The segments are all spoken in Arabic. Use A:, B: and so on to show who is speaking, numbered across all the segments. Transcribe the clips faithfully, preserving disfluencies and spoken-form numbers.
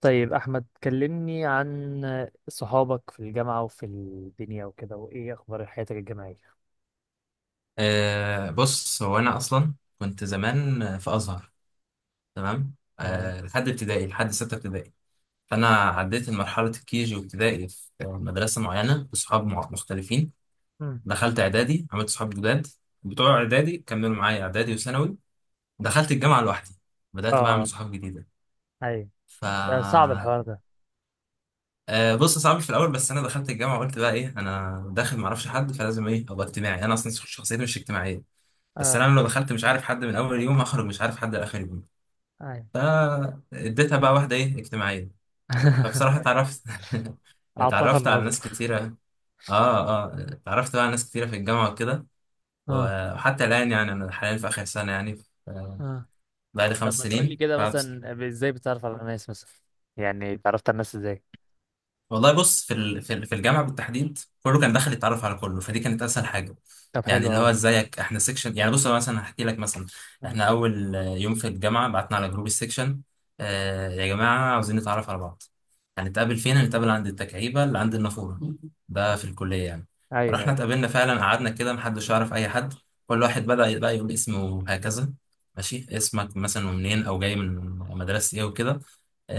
A: طيب، أحمد كلمني عن صحابك في الجامعة وفي الدنيا وكده، وإيه أخبار حياتك الجامعية؟
B: أه بص، هو أنا أصلا كنت زمان في أزهر. تمام.
A: تمام.
B: أه لحد ابتدائي لحد ستة ابتدائي. فأنا عديت مرحلة الكيجي وابتدائي في مدرسة معينة بصحاب مع- مختلفين.
A: مم.
B: دخلت إعدادي، عملت صحاب جداد بتوع إعدادي كملوا معايا إعدادي وثانوي. دخلت الجامعة لوحدي، بدأت بقى أعمل
A: آه.
B: صحاب جديدة.
A: أيوة.
B: ف
A: آه، صعب الحوار ده.
B: أه بص، صعب في الأول، بس أنا دخلت الجامعة قلت بقى إيه، أنا داخل معرفش حد فلازم إيه أبقى اجتماعي. أنا أصلا شخصيتي مش اجتماعية، بس
A: آه.
B: انا لو دخلت مش عارف حد من اول يوم، هخرج مش عارف حد لاخر يوم.
A: أيوة.
B: فاديتها بقى واحدة ايه اجتماعية. فبصراحة
A: أيوة.
B: اتعرفت
A: أعطاها
B: اتعرفت على
A: النظر.
B: ناس كتيرة. اه اه، اتعرفت بقى على ناس كتيرة في الجامعة وكده.
A: آه.
B: وحتى الآن يعني أنا حاليا في آخر سنة، يعني ف-
A: آه.
B: بعد
A: طب
B: خمس
A: ما تقولي
B: سنين.
A: كده مثلا، ب- إزاي بتتعرف على الناس مثلا؟ يعني اتعرفت على الناس إزاي؟
B: والله بص، في ال- في ال- في الجامعه بالتحديد كله كان داخل يتعرف على كله، فدي كانت اسهل حاجه.
A: طب،
B: يعني
A: حلو
B: اللي
A: أهو.
B: هو ازيك، احنا سيكشن، يعني بص انا مثلا هحكي لك مثلا.
A: مم.
B: احنا اول آه، يوم في الجامعه بعتنا على جروب السيكشن. آه يا جماعه، عاوزين نتعرف على بعض. هنتقابل فين؟ هنتقابل عند التكعيبه اللي عند النافوره. ده في الكليه يعني.
A: أيوة،
B: رحنا
A: أيوة.
B: اتقابلنا فعلا، قعدنا كده، محدش يعرف اي حد. كل واحد بدا بقى يقول اسمه هكذا، ماشي، اسمك مثلا، ومنين، او جاي من مدرسه ايه وكده.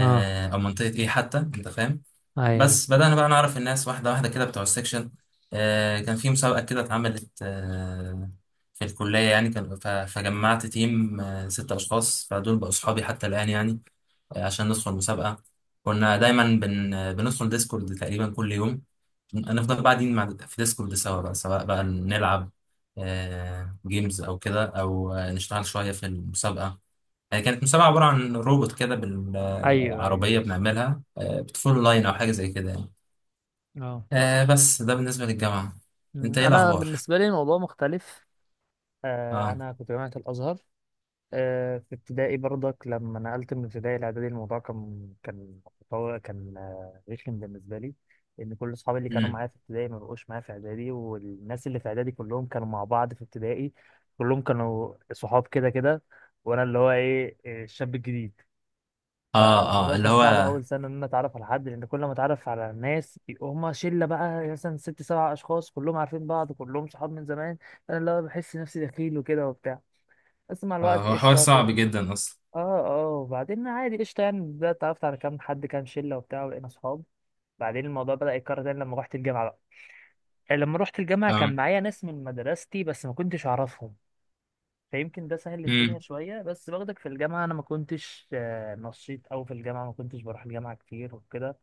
A: آه.
B: او منطقه ايه حتى، انت فاهم.
A: أيوة.
B: بس بدأنا بقى نعرف الناس واحدة واحدة كده، بتوع السكشن. آه كان في مسابقة كده اتعملت آه في الكلية يعني، كان ف- فجمعت تيم آه ستة أشخاص، فدول بقوا أصحابي حتى الآن يعني، آه عشان ندخل مسابقة. كنا دايما بن آه، بندخل ديسكورد تقريبا كل يوم. نفضل قاعدين مع في ديسكورد سوا بقى، سواء بقى نلعب آه جيمز أو كده، أو آه نشتغل شوية في المسابقة. آه، كانت مسابقة عبارة عن روبوت كده،
A: أيوه، أيوه.
B: بالعربية بنعملها، آه، بتفول
A: مم.
B: لاين أو حاجة زي كده يعني.
A: آه.
B: آه بس ده بالنسبة للجامعة. انت
A: مم.
B: ايه
A: أنا
B: الأخبار؟
A: بالنسبة لي الموضوع مختلف. آه،
B: اه.
A: أنا كنت جامعة الأزهر. آه، في ابتدائي برضك لما نقلت من ابتدائي لاعدادي، الموضوع كان كان متطور- كان آه، رخم بالنسبه لي. لان كل اصحابي اللي كانوا
B: امم.
A: معايا في ابتدائي ما بقوش معايا في اعدادي، والناس اللي في اعدادي كلهم كانوا مع بعض في ابتدائي. كلهم كانوا صحاب كده كده. وانا اللي هو ايه آه، الشاب الجديد.
B: اه اه،
A: فالموضوع
B: اللي
A: كان
B: هو
A: صعب اول سنه ان انا اتعرف على حد، لان كل ما اتعرف على ناس هم شله، بقى مثلا ست سبع اشخاص كلهم عارفين بعض، كلهم صحاب من زمان. انا اللي هو بحس نفسي دخيل وكده وبتاع. بس مع الوقت
B: آه هو حوار
A: قشطه. اه.
B: صعب جدا أصلا.
A: اه، وبعدين عادي قشطة، يعني بدأت اتعرفت على كام حد كام شلة وبتاع، وبقينا صحاب. بعدين الموضوع بدأ يتكرر تاني لما روحت الجامعة بقى. يعني لما روحت الجامعة
B: اه.
A: كان معايا ناس من مدرستي، بس ما كنتش أعرفهم. فيمكن ده سهل الدنيا
B: امم.
A: شوية، بس برضك في الجامعة أنا ما كنتش آه، نشيط أوي، في الجامعة ما كنتش بروح الجامعة كتير وكده.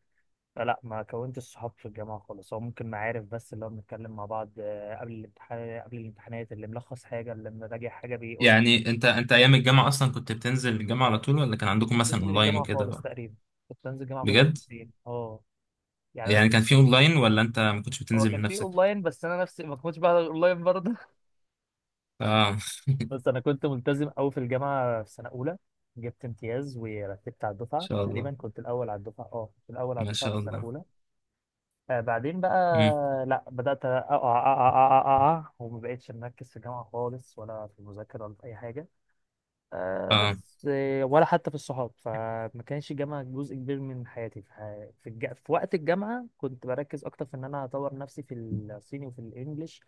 A: فلا ما كونتش صحاب في الجامعة خالص، هو ممكن معارف بس اللي هو بنتكلم مع بعض آه، قبل الامتحان قبل الامتحانات، اللي ملخص حاجة اللي مراجع حاجة بيقولها، ما
B: يعني انت انت أيام الجامعة أصلا كنت بتنزل الجامعة على طول، ولا كان عندكم
A: كنتش
B: مثلا
A: بنزل
B: أونلاين
A: الجامعة
B: وكده
A: خالص
B: بقى؟
A: تقريبا. كنت بنزل الجامعة كل فين
B: بجد؟
A: وفين. اه. يعني أنا
B: يعني كان في
A: كنت-
B: أونلاين ولا انت ما كنتش
A: هو
B: بتنزل
A: كان
B: من
A: في
B: نفسك؟
A: اونلاين بس انا نفسي ما كنتش بحضر اونلاين برضه.
B: اه ان
A: بس انا كنت ملتزم قوي في الجامعه في سنه اولى. جبت امتياز، ورتبت على الدفعه،
B: شاء
A: تقريبا
B: الله.
A: كنت الاول على الدفعه، اه، كنت الاول على
B: ما
A: الدفعه
B: شاء
A: في سنه
B: الله.
A: اولى. آه، بعدين بقى،
B: امم.
A: لا، بدات اقع اقع اقع اقع. أقع، وما بقتش مركز في الجامعه خالص، ولا في المذاكره، ولا في اي حاجه. آه
B: اه.
A: بس آه ولا حتى في الصحاب، فما كانش الجامعه جزء كبير من حياتي، في, ح- في, الج... في وقت الجامعه كنت بركز اكتر في ان انا اطور نفسي في الصيني وفي الانجليش.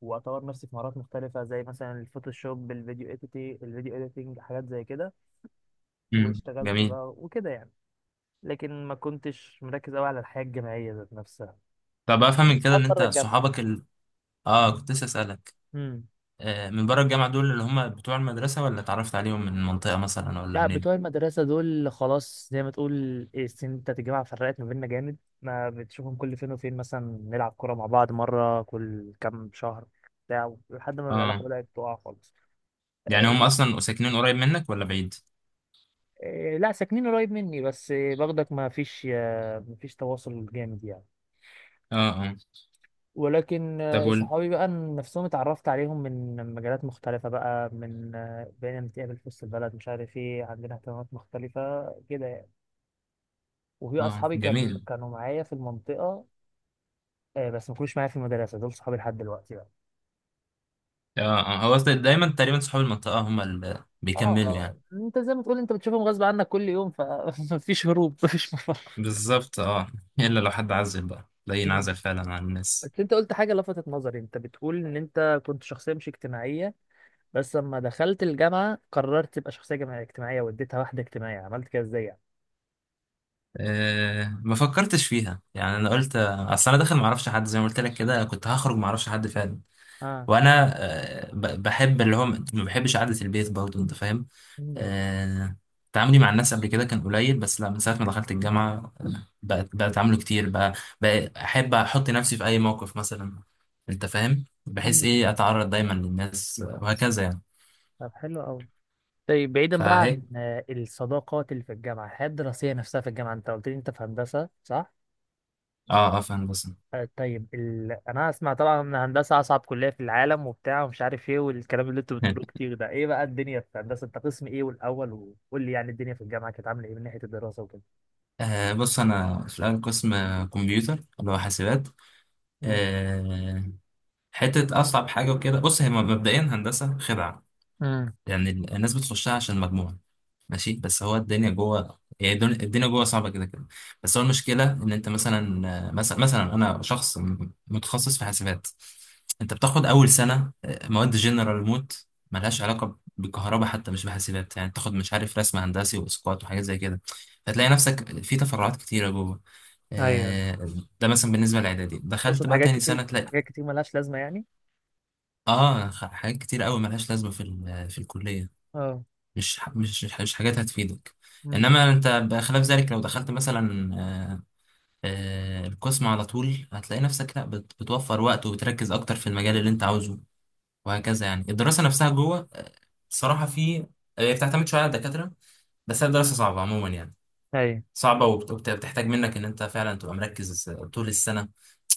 A: واطور نفسي في مهارات مختلفه زي مثلا الفوتوشوب، الفيديو اديتنج الفيديو اديتنج، حاجات زي كده.
B: امم،
A: واشتغلت
B: جميل.
A: بقى وكده يعني. لكن ما كنتش مركز قوي على الحياه الجامعيه ذات نفسها.
B: طب
A: كان
B: أفهم
A: عندي
B: من كده
A: اصحاب
B: إن انت
A: بره الجامعه بقى.
B: صحابك ال... اه، كنت لسه أسألك.
A: امم.
B: آه من بره الجامعة دول اللي هم بتوع المدرسة، ولا اتعرفت عليهم من المنطقة مثلا ولا
A: لا،
B: منين؟
A: بتوع المدرسه دول خلاص زي ما تقول. إيه، السن بتاعت الجامعه فرقت ما بيننا جامد. ما بتشوفهم كل فين وفين، مثلا نلعب كوره مع بعض مره كل كام شهر. بتاع، لحد ما العلاقه
B: اه،
A: بدات تقع خالص.
B: يعني هم
A: آه،
B: اصلا ساكنين قريب منك ولا بعيد؟
A: آه، لا، ساكنين قريب مني، بس آه، باخدك، ما فيش آه، ما فيش تواصل جامد يعني.
B: اه اه.
A: ولكن
B: طب
A: آه،
B: وال...
A: صحابي بقى نفسهم اتعرفت عليهم من مجالات مختلفة، بقى من آه، بقينا نتقابل في وسط البلد، مش عارف ايه، عندنا اهتمامات مختلفة كده يعني. وفي
B: اه
A: أصحابي كان
B: جميل.
A: كانوا معايا في المنطقة. آه، بس ما كانوش معايا في المدرسة، دول صحابي لحد دلوقتي بقى.
B: اه اه، هو أصلاً دايما تقريبا صحاب المنطقة هم اللي
A: اه
B: بيكملوا
A: آه،
B: يعني.
A: انت زي ما تقول انت بتشوفهم غصب عنك كل يوم، فمفيش هروب، مفيش مفر.
B: بالظبط اه. الا لو حد عزل بقى، لا
A: مم.
B: ينعزل فعلا عن الناس.
A: بس انت قلت حاجة لفتت نظري، انت بتقول ان انت كنت شخصية مش اجتماعية. بس لما دخلت الجامعة قررت تبقى شخصية جماعية- اجتماعية، واديتها واحدة اجتماعية، عملت كده ازاي يعني؟
B: آه ما فكرتش فيها، يعني انا قلت آه، اصل انا داخل ما اعرفش حد، زي ما قلت لك كده كنت هخرج ما اعرفش حد فعلا.
A: اه.
B: وانا آه ب- بحب اللي هو، ما بحبش قعدة البيت برضه، انت فاهم.
A: مم.
B: آه، تعاملي مع الناس قبل كده كان قليل، بس لا من ساعة ما دخلت الجامعة آه، بقت بقى اتعامله كتير بقى. بقى احب احط نفسي في اي موقف مثلا، انت فاهم، بحيث
A: مم.
B: ايه اتعرض دايما للناس آه، وهكذا يعني.
A: طب، حلو قوي. طيب، بعيدا بقى
B: فهيك.
A: عن آه، الصداقات اللي في الجامعه، الحياه الدراسيه نفسها في الجامعه، انت قلت لي انت في هندسه صح؟
B: اه اه، فاهم بس.
A: آه، طيب، ال... انا اسمع طبعا ان هندسه اصعب كليه في العالم وبتاع، ومش عارف ايه، والكلام اللي انتوا بتقولوه كتير ده، ايه بقى الدنيا في هندسه؟ انت قسم ايه والاول؟ وقول لي يعني الدنيا في الجامعه كانت عامله ايه من ناحيه الدراسه وكده؟
B: آه بص، انا في الاول قسم آه، كمبيوتر اللي هو حاسبات.
A: مم.
B: آه. حته اصعب حاجه وكده. بص، هي مبدئيا هندسه خدعه.
A: مم.
B: يعني الناس بتخشها عشان مجموع، ماشي، بس هو الدنيا جوه يعني، الدن- الدنيا جوه صعبه كده كده. بس هو المشكله ان انت مثلا، مثلا مثلا انا شخص م- متخصص في حاسبات. انت بتاخد اول سنه آه، مواد جنرال موت، ملهاش علاقه بالكهرباء حتى، مش بحاسبات يعني. بتاخد مش عارف رسم هندسي واسقاط وحاجات زي كده. فتلاقي نفسك في تفرعات كتيره جوه.
A: ايوه.
B: آه، ده مثلا بالنسبه للاعدادي. دخلت
A: تقصد
B: بقى
A: حاجات
B: تاني
A: كتير؟
B: سنه تلاقي
A: حاجات كتير ملهاش لازمه يعني.
B: اه، خ- حاجات كتير قوي ملهاش لازمه في ال- في الكليه،
A: اه.
B: مش ح- مش مش حاجات هتفيدك.
A: مم.
B: انما انت بخلاف ذلك، لو دخلت مثلا آه، آه، القسم على طول هتلاقي نفسك لا، بت- بتوفر وقت وبتركز اكتر في المجال اللي انت عاوزه، وهكذا يعني. الدراسة نفسها جوه آه، الصراحة في، هي بتعتمد شوية على الدكاترة، بس هي الدراسة صعبة عموما يعني.
A: ايوه.
B: صعبة، وبت- وبت- وبتحتاج منك ان انت فعلا تبقى مركز طول السنة.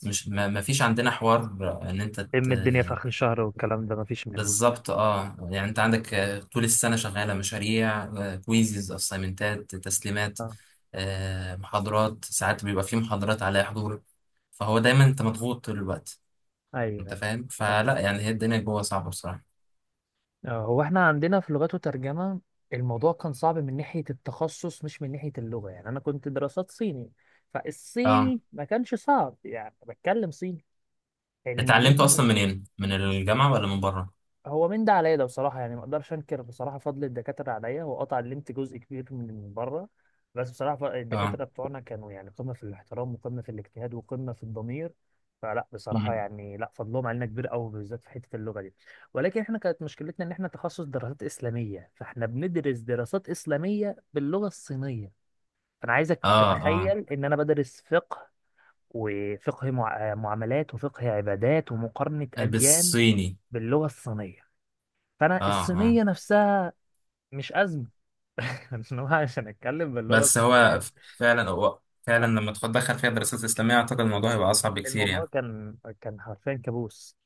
B: مش ما ما فيش عندنا حوار ان انت.
A: ام الدنيا في اخر الشهر والكلام ده مفيش منه.
B: بالظبط اه. يعني انت عندك آه، طول السنه شغاله مشاريع، آه، كويزز، اسايمنتات، تسليمات،
A: اه.
B: آه، محاضرات. ساعات بيبقى في محاضرات عليها حضور. فهو دايما انت مضغوط طول الوقت،
A: ايوه،
B: انت فاهم،
A: ايوه.
B: فلا يعني هي الدنيا جوه صعبه بصراحه.
A: آه، هو احنا عندنا في لغات وترجمة. الموضوع كان صعب من ناحية التخصص، مش من ناحية اللغة، يعني أنا كنت دراسات صيني.
B: اه،
A: فالصيني ما كانش صعب، يعني بتكلم صيني. الإنجليزي
B: اتعلمته
A: ما
B: اصلا منين، من الجامعه ولا من بره؟
A: هو من ده عليا ده بصراحة، يعني ما اقدرش انكر بصراحة فضل الدكاترة عليا، هو قطع لمت جزء كبير من بره. بس بصراحة ف-
B: اه.
A: الدكاترة بتوعنا كانوا يعني قمة في الاحترام، وقمة في الاجتهاد، وقمة في الضمير. فلا بصراحة
B: مم.
A: يعني، لا، فضلهم علينا كبير قوي، بالذات في حتة اللغة دي. ولكن احنا كانت مشكلتنا ان احنا تخصص دراسات إسلامية، فاحنا بندرس دراسات إسلامية باللغة الصينية. فانا عايزك
B: اه اه.
A: تتخيل ان انا بدرس فقه، وفقه مع- معاملات، وفقه عبادات، ومقارنة
B: آه،
A: أديان،
B: بالصيني.
A: باللغة الصينية. فانا
B: اه اه.
A: الصينيه نفسها مش ازمه. إن هو عشان اتكلم باللغه
B: بس هو
A: الصينيه.
B: ف- فعلا، هو فعلا
A: آه،
B: لما تدخل فيها دراسات اسلاميه اعتقد الموضوع هيبقى اصعب بكتير
A: الموضوع
B: يعني.
A: كان كان حرفيا كابوس.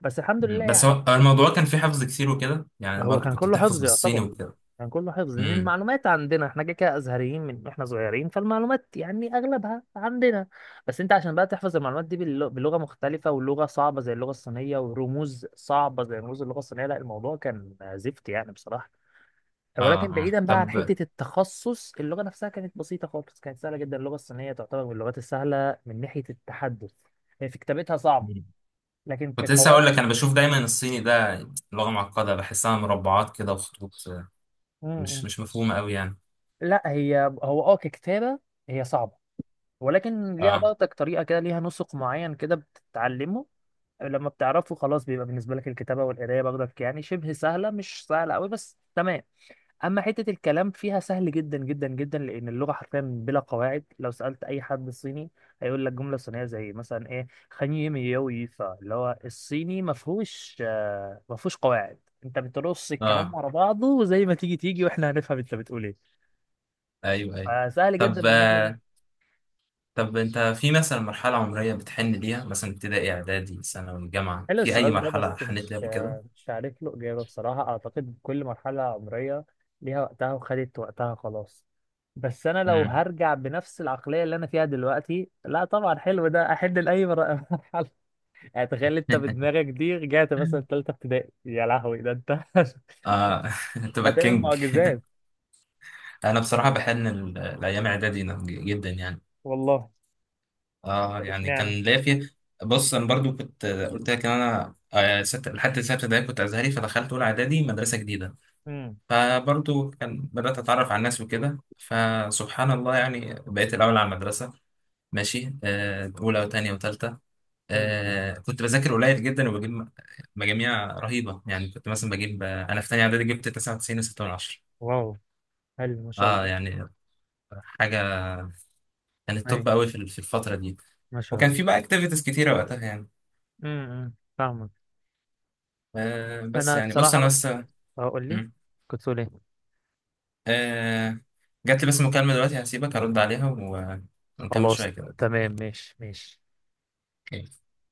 A: بس الحمد لله
B: مم. بس هو
A: يعني.
B: هو الموضوع كان فيه حفظ كتير وكده يعني،
A: هو
B: برضو
A: كان
B: كنت
A: كله
B: بتحفظ
A: حفظ
B: بالصيني
A: يعتبر.
B: وكده.
A: كان كله حفظ لان
B: امم.
A: المعلومات عندنا احنا كده كده ازهريين من احنا صغيرين، فالمعلومات يعني اغلبها عندنا. بس انت عشان بقى تحفظ المعلومات دي باللغ- بلغه مختلفه، ولغه صعبه زي اللغه الصينيه، ورموز صعبه زي رموز اللغه الصينيه، لا الموضوع كان زفت يعني بصراحه.
B: اه
A: ولكن
B: اه
A: بعيدا بقى عن
B: طب.
A: حته التخصص، اللغه نفسها كانت بسيطه خالص، كانت سهله جدا، اللغه الصينيه تعتبر من اللغات السهله من ناحيه التحدث. هي في كتابتها صعبه.
B: مم.
A: لكن
B: كنت لسه هقول لك،
A: كقواعد.
B: انا بشوف دايما الصيني ده لغة معقدة، بحسها مربعات كده وخطوط، آه، مش
A: امم.
B: مش مفهومة قوي يعني.
A: لا، هي هو اه ككتابه، هي صعبه. ولكن ليها
B: اه
A: برضك طريقه كده، ليها نسق معين كده بتتعلمه. لما بتعرفه خلاص بيبقى بالنسبه لك الكتابه والقرايه برضك يعني شبه سهله، مش سهله قوي بس تمام. اما حته الكلام فيها سهل جدا جدا جدا، لان اللغه حرفيا بلا قواعد، لو سالت اي حد صيني هيقول لك جمله صينيه زي مثلا ايه خني ميوي، فاللي هو الصيني ما فيهوش آه، ما فيهوش قواعد. انت بترص الكلام
B: اه.
A: ورا بعضه، وزي ما تيجي تيجي، واحنا هنفهم انت بتقول ايه.
B: ايوه ايوه.
A: فسهل جدا
B: طب
A: من الناحيه دي.
B: آه طب انت في مثلا مرحلة عمرية بتحن ليها، مثلا ابتدائي، اعدادي، ثانوي، جامعة،
A: حلو
B: في اي
A: السؤال ده،
B: مرحلة
A: بس
B: حنيت
A: مش
B: ليها قبل كده؟
A: مش عارف له إجابة بصراحة، أعتقد كل مرحلة عمرية ليها وقتها وخدت وقتها خلاص. بس أنا لو
B: مم.
A: هرجع بنفس العقلية اللي أنا فيها دلوقتي، لا طبعا حلو ده أحد لأي مر- مرحلة. يعني تخيل أنت بدماغك دي رجعت مثلا تالتة ابتدائي، يا لهوي ده أنت!
B: اه. تبقى
A: هتعمل
B: كينج.
A: معجزات.
B: انا بصراحه بحن ال- الايام اعدادي، نعم، جدا يعني.
A: والله.
B: اه
A: طب
B: يعني كان
A: اشمعنى؟
B: ليا فيه. بص، انا برضو كنت قلت لك ان انا آه، ست... لحد سته ابتدائي كنت ازهري، فدخلت اولى اعدادي مدرسه جديده.
A: امم.
B: فبرضو كان بدات اتعرف على الناس وكده، فسبحان الله يعني بقيت الاول على المدرسه، ماشي. آه، اولى وثانيه وثالثه.
A: امم.
B: آه، كنت بذاكر قليل جدا وبجيب م- مجاميع رهيبه. يعني كنت مثلا بجيب آه، انا في ثانيه اعدادي جبت تسعة وتسعين فاصلة ستة من عشرة.
A: واو. حلو، ما شاء
B: اه
A: الله.
B: يعني حاجه، كانت
A: أي.
B: توب قوي في في الفتره دي.
A: ما شاء
B: وكان
A: الله.
B: في بقى اكتيفيتيز كتيره وقتها يعني.
A: امم. أمم، فاهمك.
B: آه بس
A: أنا
B: يعني بص انا
A: بصراحة.
B: بس.
A: هقول لي.
B: مم.
A: كنت تقول إيه؟
B: آه جات لي بس مكالمة دلوقتي، هسيبك ارد عليها و... ونكمل
A: خلاص.
B: شوية كده.
A: تمام، ماشي ماشي.